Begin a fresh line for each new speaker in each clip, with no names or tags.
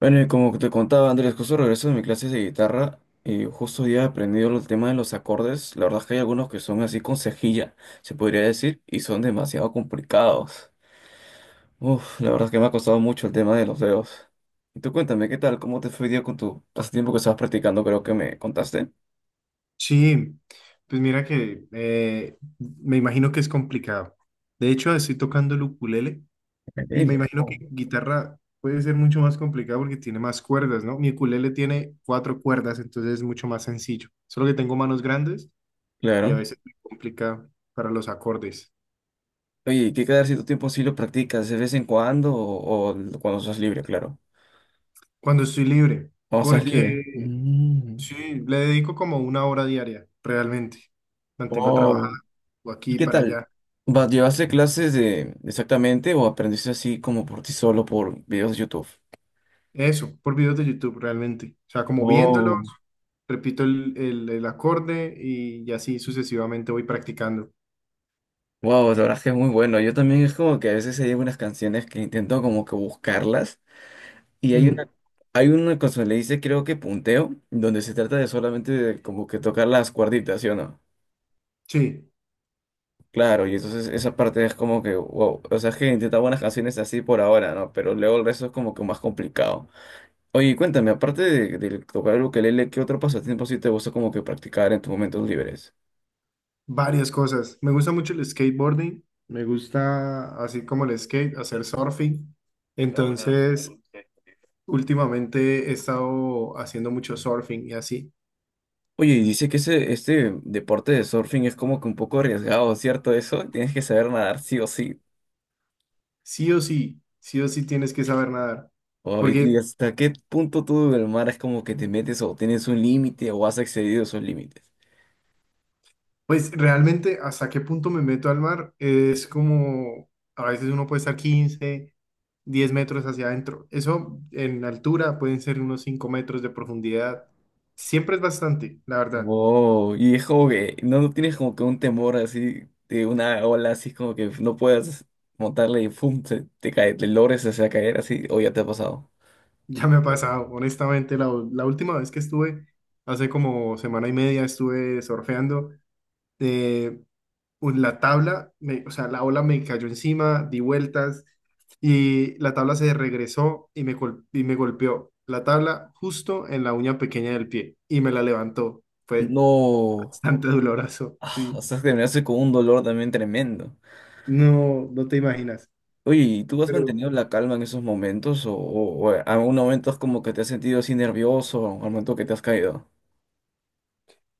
Bueno, y como te contaba Andrés, justo regreso de mi clase de guitarra y justo hoy he aprendido el tema de los acordes. La verdad es que hay algunos que son así con cejilla, se podría decir, y son demasiado complicados. La verdad es que me ha costado mucho el tema de los dedos. Y tú cuéntame, ¿qué tal? ¿Cómo te fue hoy día con tu pasatiempo que estabas practicando? Creo que me contaste.
Sí, pues mira que me imagino que es complicado. De hecho, estoy tocando el ukulele y me
Increíble.
imagino
Oh.
que guitarra puede ser mucho más complicado porque tiene más cuerdas, ¿no? Mi ukulele tiene cuatro cuerdas, entonces es mucho más sencillo. Solo que tengo manos grandes y a
Claro.
veces me complica para los acordes.
Oye, ¿qué quedar si tu tiempo sí lo practicas de vez en cuando o cuando estás libre, claro?
Cuando estoy libre,
Cuando estás
porque
libre. Mm.
sí, le dedico como una hora diaria, realmente. Mantengo
Wow.
trabajando aquí
¿Y
y
qué
para
tal?
allá.
Va, ¿llevaste clases de exactamente o aprendiste así como por ti solo por videos de YouTube?
Eso, por videos de YouTube realmente. O sea, como viéndolos,
Oh,
repito el acorde y así sucesivamente voy practicando.
wow, la verdad es que es muy bueno. Yo también es como que a veces hay algunas canciones que intento como que buscarlas y
Mm,
hay una cosa que le dice creo que punteo, donde se trata de solamente de como que tocar las cuerditas, ¿sí o no?
sí,
Claro, y entonces esa parte es como que wow, o sea, es que intenta buenas canciones así por ahora, ¿no? Pero luego el resto es como que más complicado. Oye, cuéntame, aparte de tocar el ukelele, ¿qué otro pasatiempo sí te gusta como que practicar en tus momentos libres?
varias cosas. Me gusta mucho el skateboarding, me gusta así como el skate, hacer surfing. Entonces, últimamente he estado haciendo mucho surfing y así.
Oye, y dice que ese, este deporte de surfing es como que un poco arriesgado, ¿cierto? Eso, tienes que saber nadar sí o sí.
Sí o sí tienes que saber nadar.
Oye, ¿y
Porque
hasta qué punto tú del mar es como que te metes o tienes un límite o has excedido esos límites?
pues realmente hasta qué punto me meto al mar es como a veces uno puede estar 15, 10 metros hacia adentro. Eso en altura pueden ser unos 5 metros de profundidad. Siempre es bastante, la verdad.
Wow, y es como que no tienes como que un temor así de una ola así como que no puedas montarle y pum, se- te, cae, te logres hacer caer así, o ya te ha pasado.
Ya me ha pasado, honestamente, la última vez que estuve, hace como semana y media, estuve surfeando. eh, la tabla, o sea, la ola me cayó encima, di vueltas y la tabla se regresó y me, y me golpeó la tabla justo en la uña pequeña del pie y me la levantó. Fue
No.
bastante doloroso,
Ah, o
sí.
sea, terminaste con un dolor también tremendo.
No, no te imaginas.
Oye, ¿y tú has
Pero
mantenido la calma en esos momentos? ¿O algún momento es como que te has sentido así nervioso al momento que te has caído?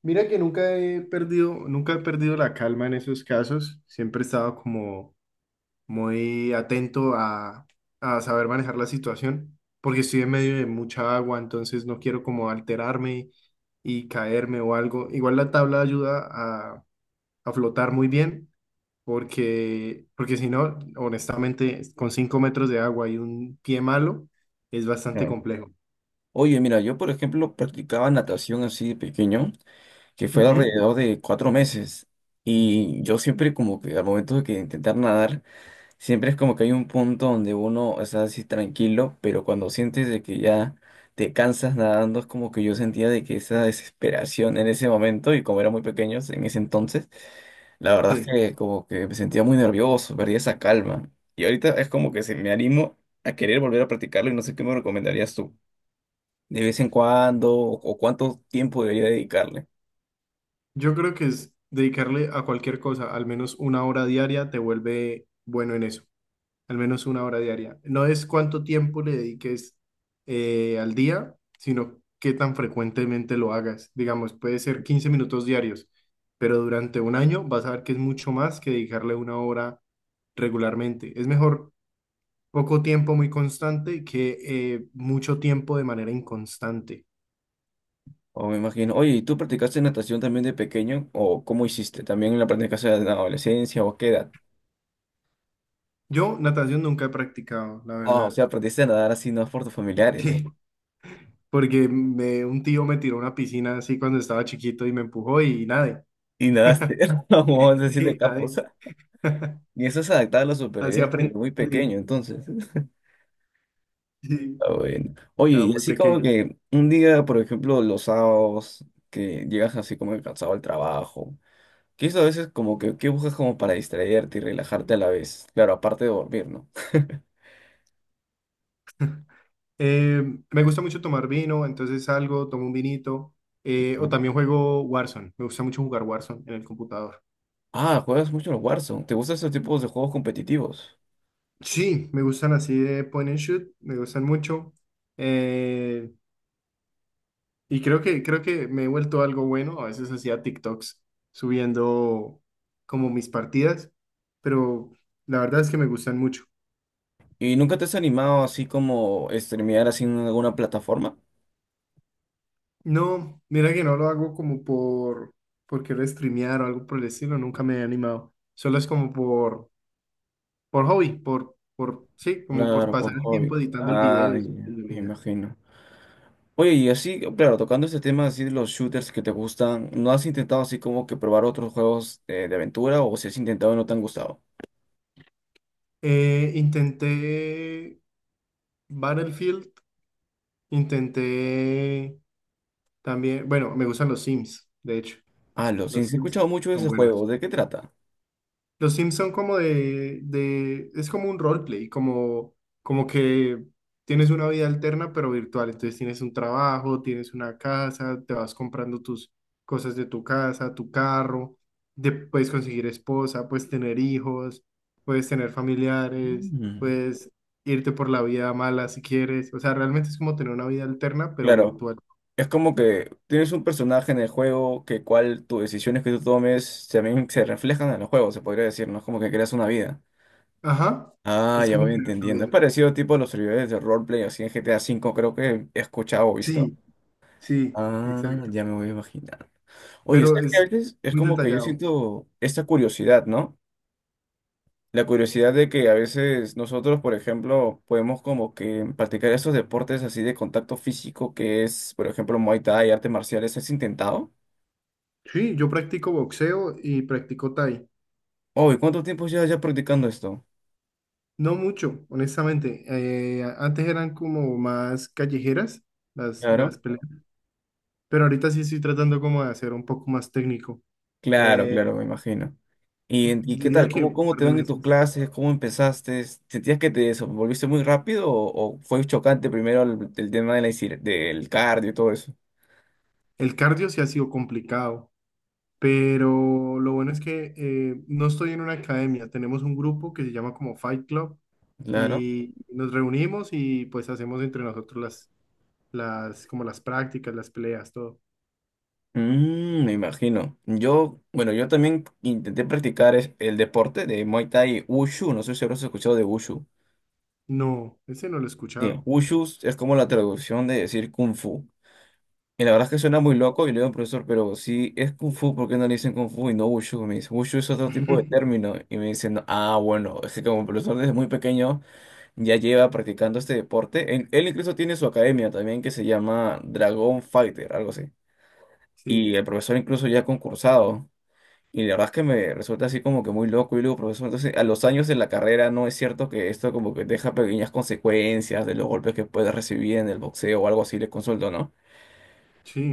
mira que nunca he perdido, nunca he perdido la calma en esos casos. Siempre he estado como muy atento a saber manejar la situación, porque estoy en medio de mucha agua, entonces no quiero como alterarme y caerme o algo. Igual la tabla ayuda a, a flotar muy bien, porque si no, honestamente, con 5 metros de agua y un pie malo, es bastante
Ah.
complejo.
Oye, mira, yo por ejemplo practicaba natación así de pequeño, que fue
Ujú,
alrededor de 4 meses. Y yo siempre como que al momento de que intentar nadar, siempre es como que hay un punto donde uno está así tranquilo, pero cuando sientes de que ya te cansas nadando, es como que yo sentía de que esa desesperación en ese momento, y como era muy pequeños en ese entonces, la verdad es
sí,
que como que me sentía muy nervioso, perdía esa calma. Y ahorita es como que se me animo a querer volver a practicarlo y no sé qué me recomendarías tú. De vez en cuando, o cuánto tiempo debería dedicarle.
yo creo que es dedicarle a cualquier cosa, al menos una hora diaria, te vuelve bueno en eso. Al menos una hora diaria. No es cuánto tiempo le dediques al día, sino qué tan frecuentemente lo hagas. Digamos, puede ser 15 minutos diarios, pero durante un año vas a ver que es mucho más que dedicarle una hora regularmente. Es mejor poco tiempo muy constante que mucho tiempo de manera inconstante.
O me imagino, oye, ¿y tú practicaste natación también de pequeño? ¿O cómo hiciste? ¿También la practicaste en la adolescencia o a qué edad?
Yo natación nunca he practicado, la
Oh, o
verdad.
sea, aprendiste a nadar así, no por tus familiares.
Porque un tío me tiró a una piscina así cuando estaba chiquito y me empujó y nadé.
Y nadaste, como es decir, de
Sí,
capo, o
nadé.
sea. Y eso es adaptar a la
Así
supervivencia desde
aprendí.
muy pequeño, entonces.
Sí,
Ah, bueno. Oye,
estaba
y
muy
así como
pequeño.
que un día, por ejemplo, los sábados, que llegas así como que cansado al trabajo, que eso a veces como que, ¿qué buscas como para distraerte y relajarte a la vez? Claro, aparte de dormir, ¿no?
Eh, Me gusta mucho tomar vino, entonces salgo, tomo un vinito. O
Ajá.
también juego Warzone. Me gusta mucho jugar Warzone en el computador.
Ah, juegas mucho el Warzone. ¿Te gustan esos tipos de juegos competitivos?
Sí, me gustan así de point and shoot, me gustan mucho. eh, y creo que me he vuelto algo bueno. A veces hacía TikToks subiendo como mis partidas, pero la verdad es que me gustan mucho.
¿Y nunca te has animado así como streamear así en alguna plataforma?
No, mira que no lo hago como por querer streamear o algo por el estilo, nunca me he animado. Solo es como por hobby, sí, como por
Claro,
pasar
por
el
hobby.
tiempo editando el video y
Ay,
subiéndolo
me
y ya.
imagino. Oye, y así, claro, tocando este tema así de los shooters que te gustan, ¿no has intentado así como que probar otros juegos de aventura o si has intentado y no te han gustado?
Intenté Battlefield, intenté también, bueno, me gustan los Sims, de hecho,
Ah, lo sí,
los
sí he
Sims
escuchado mucho de
son
ese juego.
buenos.
¿De qué trata?
Los Sims son como es como un roleplay, como, como que tienes una vida alterna pero virtual, entonces tienes un trabajo, tienes una casa, te vas comprando tus cosas de tu casa, tu carro, puedes conseguir esposa, puedes tener hijos, puedes tener familiares,
Mm.
puedes irte por la vida mala si quieres, o sea, realmente es como tener una vida alterna pero
Claro,
virtual.
es como que tienes un personaje en el juego que cual tus decisiones que tú tomes también se reflejan en el juego, se podría decir, ¿no? Es como que creas una vida.
Ajá,
Ah,
es
ya
como
voy
tener una
entendiendo. Es
vida.
parecido tipo a los servidores de roleplay así en GTA V, creo que he escuchado o visto.
Sí, sí,
Ah,
exacto,
ya me voy a imaginar. Oye,
pero
¿sabes que a
es
veces es
muy
como que yo
detallado.
siento esta curiosidad, ¿no? La curiosidad de que a veces nosotros, por ejemplo, podemos como que practicar estos deportes así de contacto físico que es, por ejemplo, Muay Thai, artes marciales, ¿has intentado?
Sí, yo practico boxeo y practico Thai.
Oh, ¿y cuánto tiempo llevas ya practicando esto?
No mucho, honestamente. Antes eran como más callejeras las,
Claro,
las peleas, pero ahorita sí estoy tratando como de hacer un poco más técnico.
claro,
Eh,
claro, me imagino. ¿Y, en- y qué
Diría
tal?
que
¿Cómo,
un
cómo
par
te
de
van en tus
meses.
clases? ¿Cómo empezaste? ¿Sentías que te desenvolviste muy rápido o fue chocante primero el tema de la, insi- del cardio y todo eso?
El cardio sí ha sido complicado, pero lo bueno es que no estoy en una academia. Tenemos un grupo que se llama como Fight Club
Claro.
y nos reunimos y pues hacemos entre nosotros como las prácticas, las peleas, todo.
Mm, me imagino. Yo, bueno, yo también intenté practicar es- el deporte de Muay Thai Wushu. No sé si habrás escuchado de Wushu.
No, ese no lo he
Bien,
escuchado.
Wushu es como la traducción de decir Kung Fu. Y la verdad es que suena muy loco y le digo al profesor, pero si es Kung Fu, ¿por qué no le dicen Kung Fu y no Wushu? Me dice, Wushu es otro tipo de término. Y me dicen, ah, bueno, es que como el profesor desde muy pequeño ya lleva practicando este deporte. Él incluso tiene su academia también que se llama Dragon Fighter, algo así.
Sí,
Y el profesor incluso ya ha concursado. Y la verdad es que me resulta así como que muy loco y luego, profesor, entonces a los años de la carrera no es cierto que esto como que deja pequeñas consecuencias de los golpes que puedes recibir en el boxeo o algo así, le consulto, ¿no?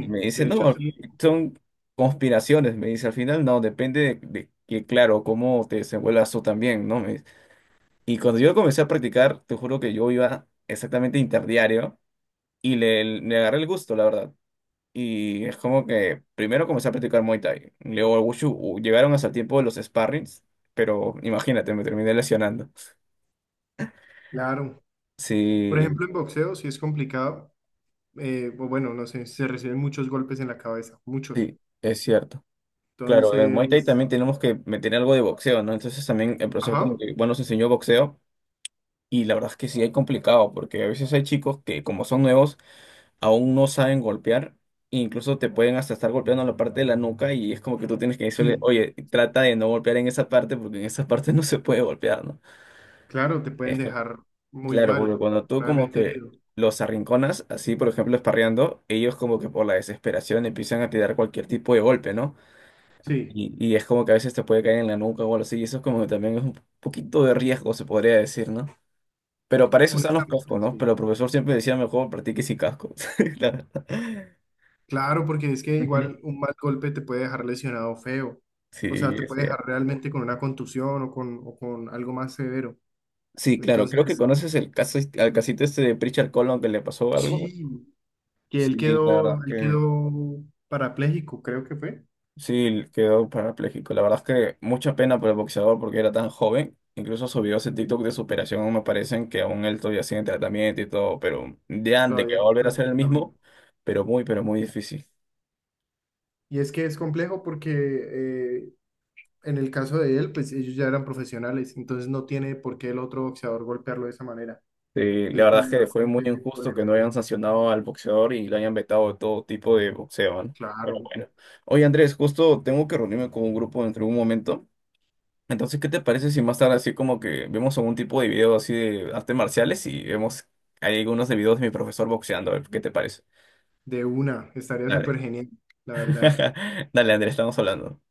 Y me dice,
de hecho
no,
sí,
son conspiraciones, me dice, al final no, depende de que, claro, cómo te desenvuelvas tú también, ¿no? Me dice. Y cuando yo comencé a practicar, te juro que yo iba exactamente interdiario y le agarré el gusto, la verdad. Y es como que primero comencé a practicar Muay Thai. Luego el Wushu u- llegaron hasta el tiempo de los sparrings, pero imagínate, me terminé lesionando.
claro. Por
Sí,
ejemplo, en boxeo sí es complicado. O bueno, no sé, se reciben muchos golpes en la cabeza, muchos.
sí, es cierto. Claro, en el Muay Thai
Entonces,
también tenemos que meter algo de boxeo, ¿no? Entonces también el profesor como
ajá,
que, bueno, nos enseñó boxeo y la verdad es que sí es complicado porque a veces hay chicos que como son nuevos aún no saben golpear e incluso te pueden hasta estar golpeando la parte de la nuca y es como que tú tienes que decirle,
sí,
oye, trata de no golpear en esa parte porque en esa parte no se puede golpear, ¿no?
claro, te pueden
Es que-
dejar muy
Claro, porque
mal,
cuando tú como
gravemente
que
herido.
los arrinconas, así por ejemplo esparreando, ellos como que por la desesperación empiezan a tirar cualquier tipo de golpe, ¿no?
Sí,
Y es como que a veces te puede caer en la nuca o algo así, y eso es como que también es un poquito de riesgo, se podría decir, ¿no? Pero para eso están los
honestamente,
cascos, ¿no?
sí.
Pero el profesor siempre decía, mejor practique sin casco. La verdad.
Claro, porque es que
Ujú.
igual un mal golpe te puede dejar lesionado feo.
Sí,
O sea, te
es
puede dejar realmente con una contusión o con algo más severo.
Sí, claro, creo que
Entonces,
conoces el caso, al casito este de Pritchard Colon que le pasó algo.
sí, que él
Sí, la
quedó,
verdad
él
que...
quedó parapléjico, creo que fue.
Sí, quedó parapléjico. La verdad es que mucha pena por el boxeador porque era tan joven. Incluso sus videos en
Que
TikTok de superación me parecen que aún él todavía sigue en tratamiento y todo, pero ya de que
todavía
va a
está
volver a
en
ser el
tratamiento.
mismo, pero muy difícil.
Y es que es complejo porque en el caso de él, pues ellos ya eran profesionales, entonces no tiene por qué el otro boxeador golpearlo de esa manera.
Sí, la
Entonces
verdad es
fue
que fue muy
bastante
injusto que no hayan
polémico.
sancionado al boxeador y lo hayan vetado de todo tipo de boxeo, ¿no? Pero
Claro,
bueno. Oye, Andrés, justo tengo que reunirme con un grupo dentro de un momento. Entonces, ¿qué te parece si más tarde así como que vemos algún tipo de video así de artes marciales y vemos hay algunos de videos de mi profesor boxeando? A ver, ¿qué te parece?
de una, estaría
Dale.
súper genial, la verdad.
Dale, Andrés, estamos hablando.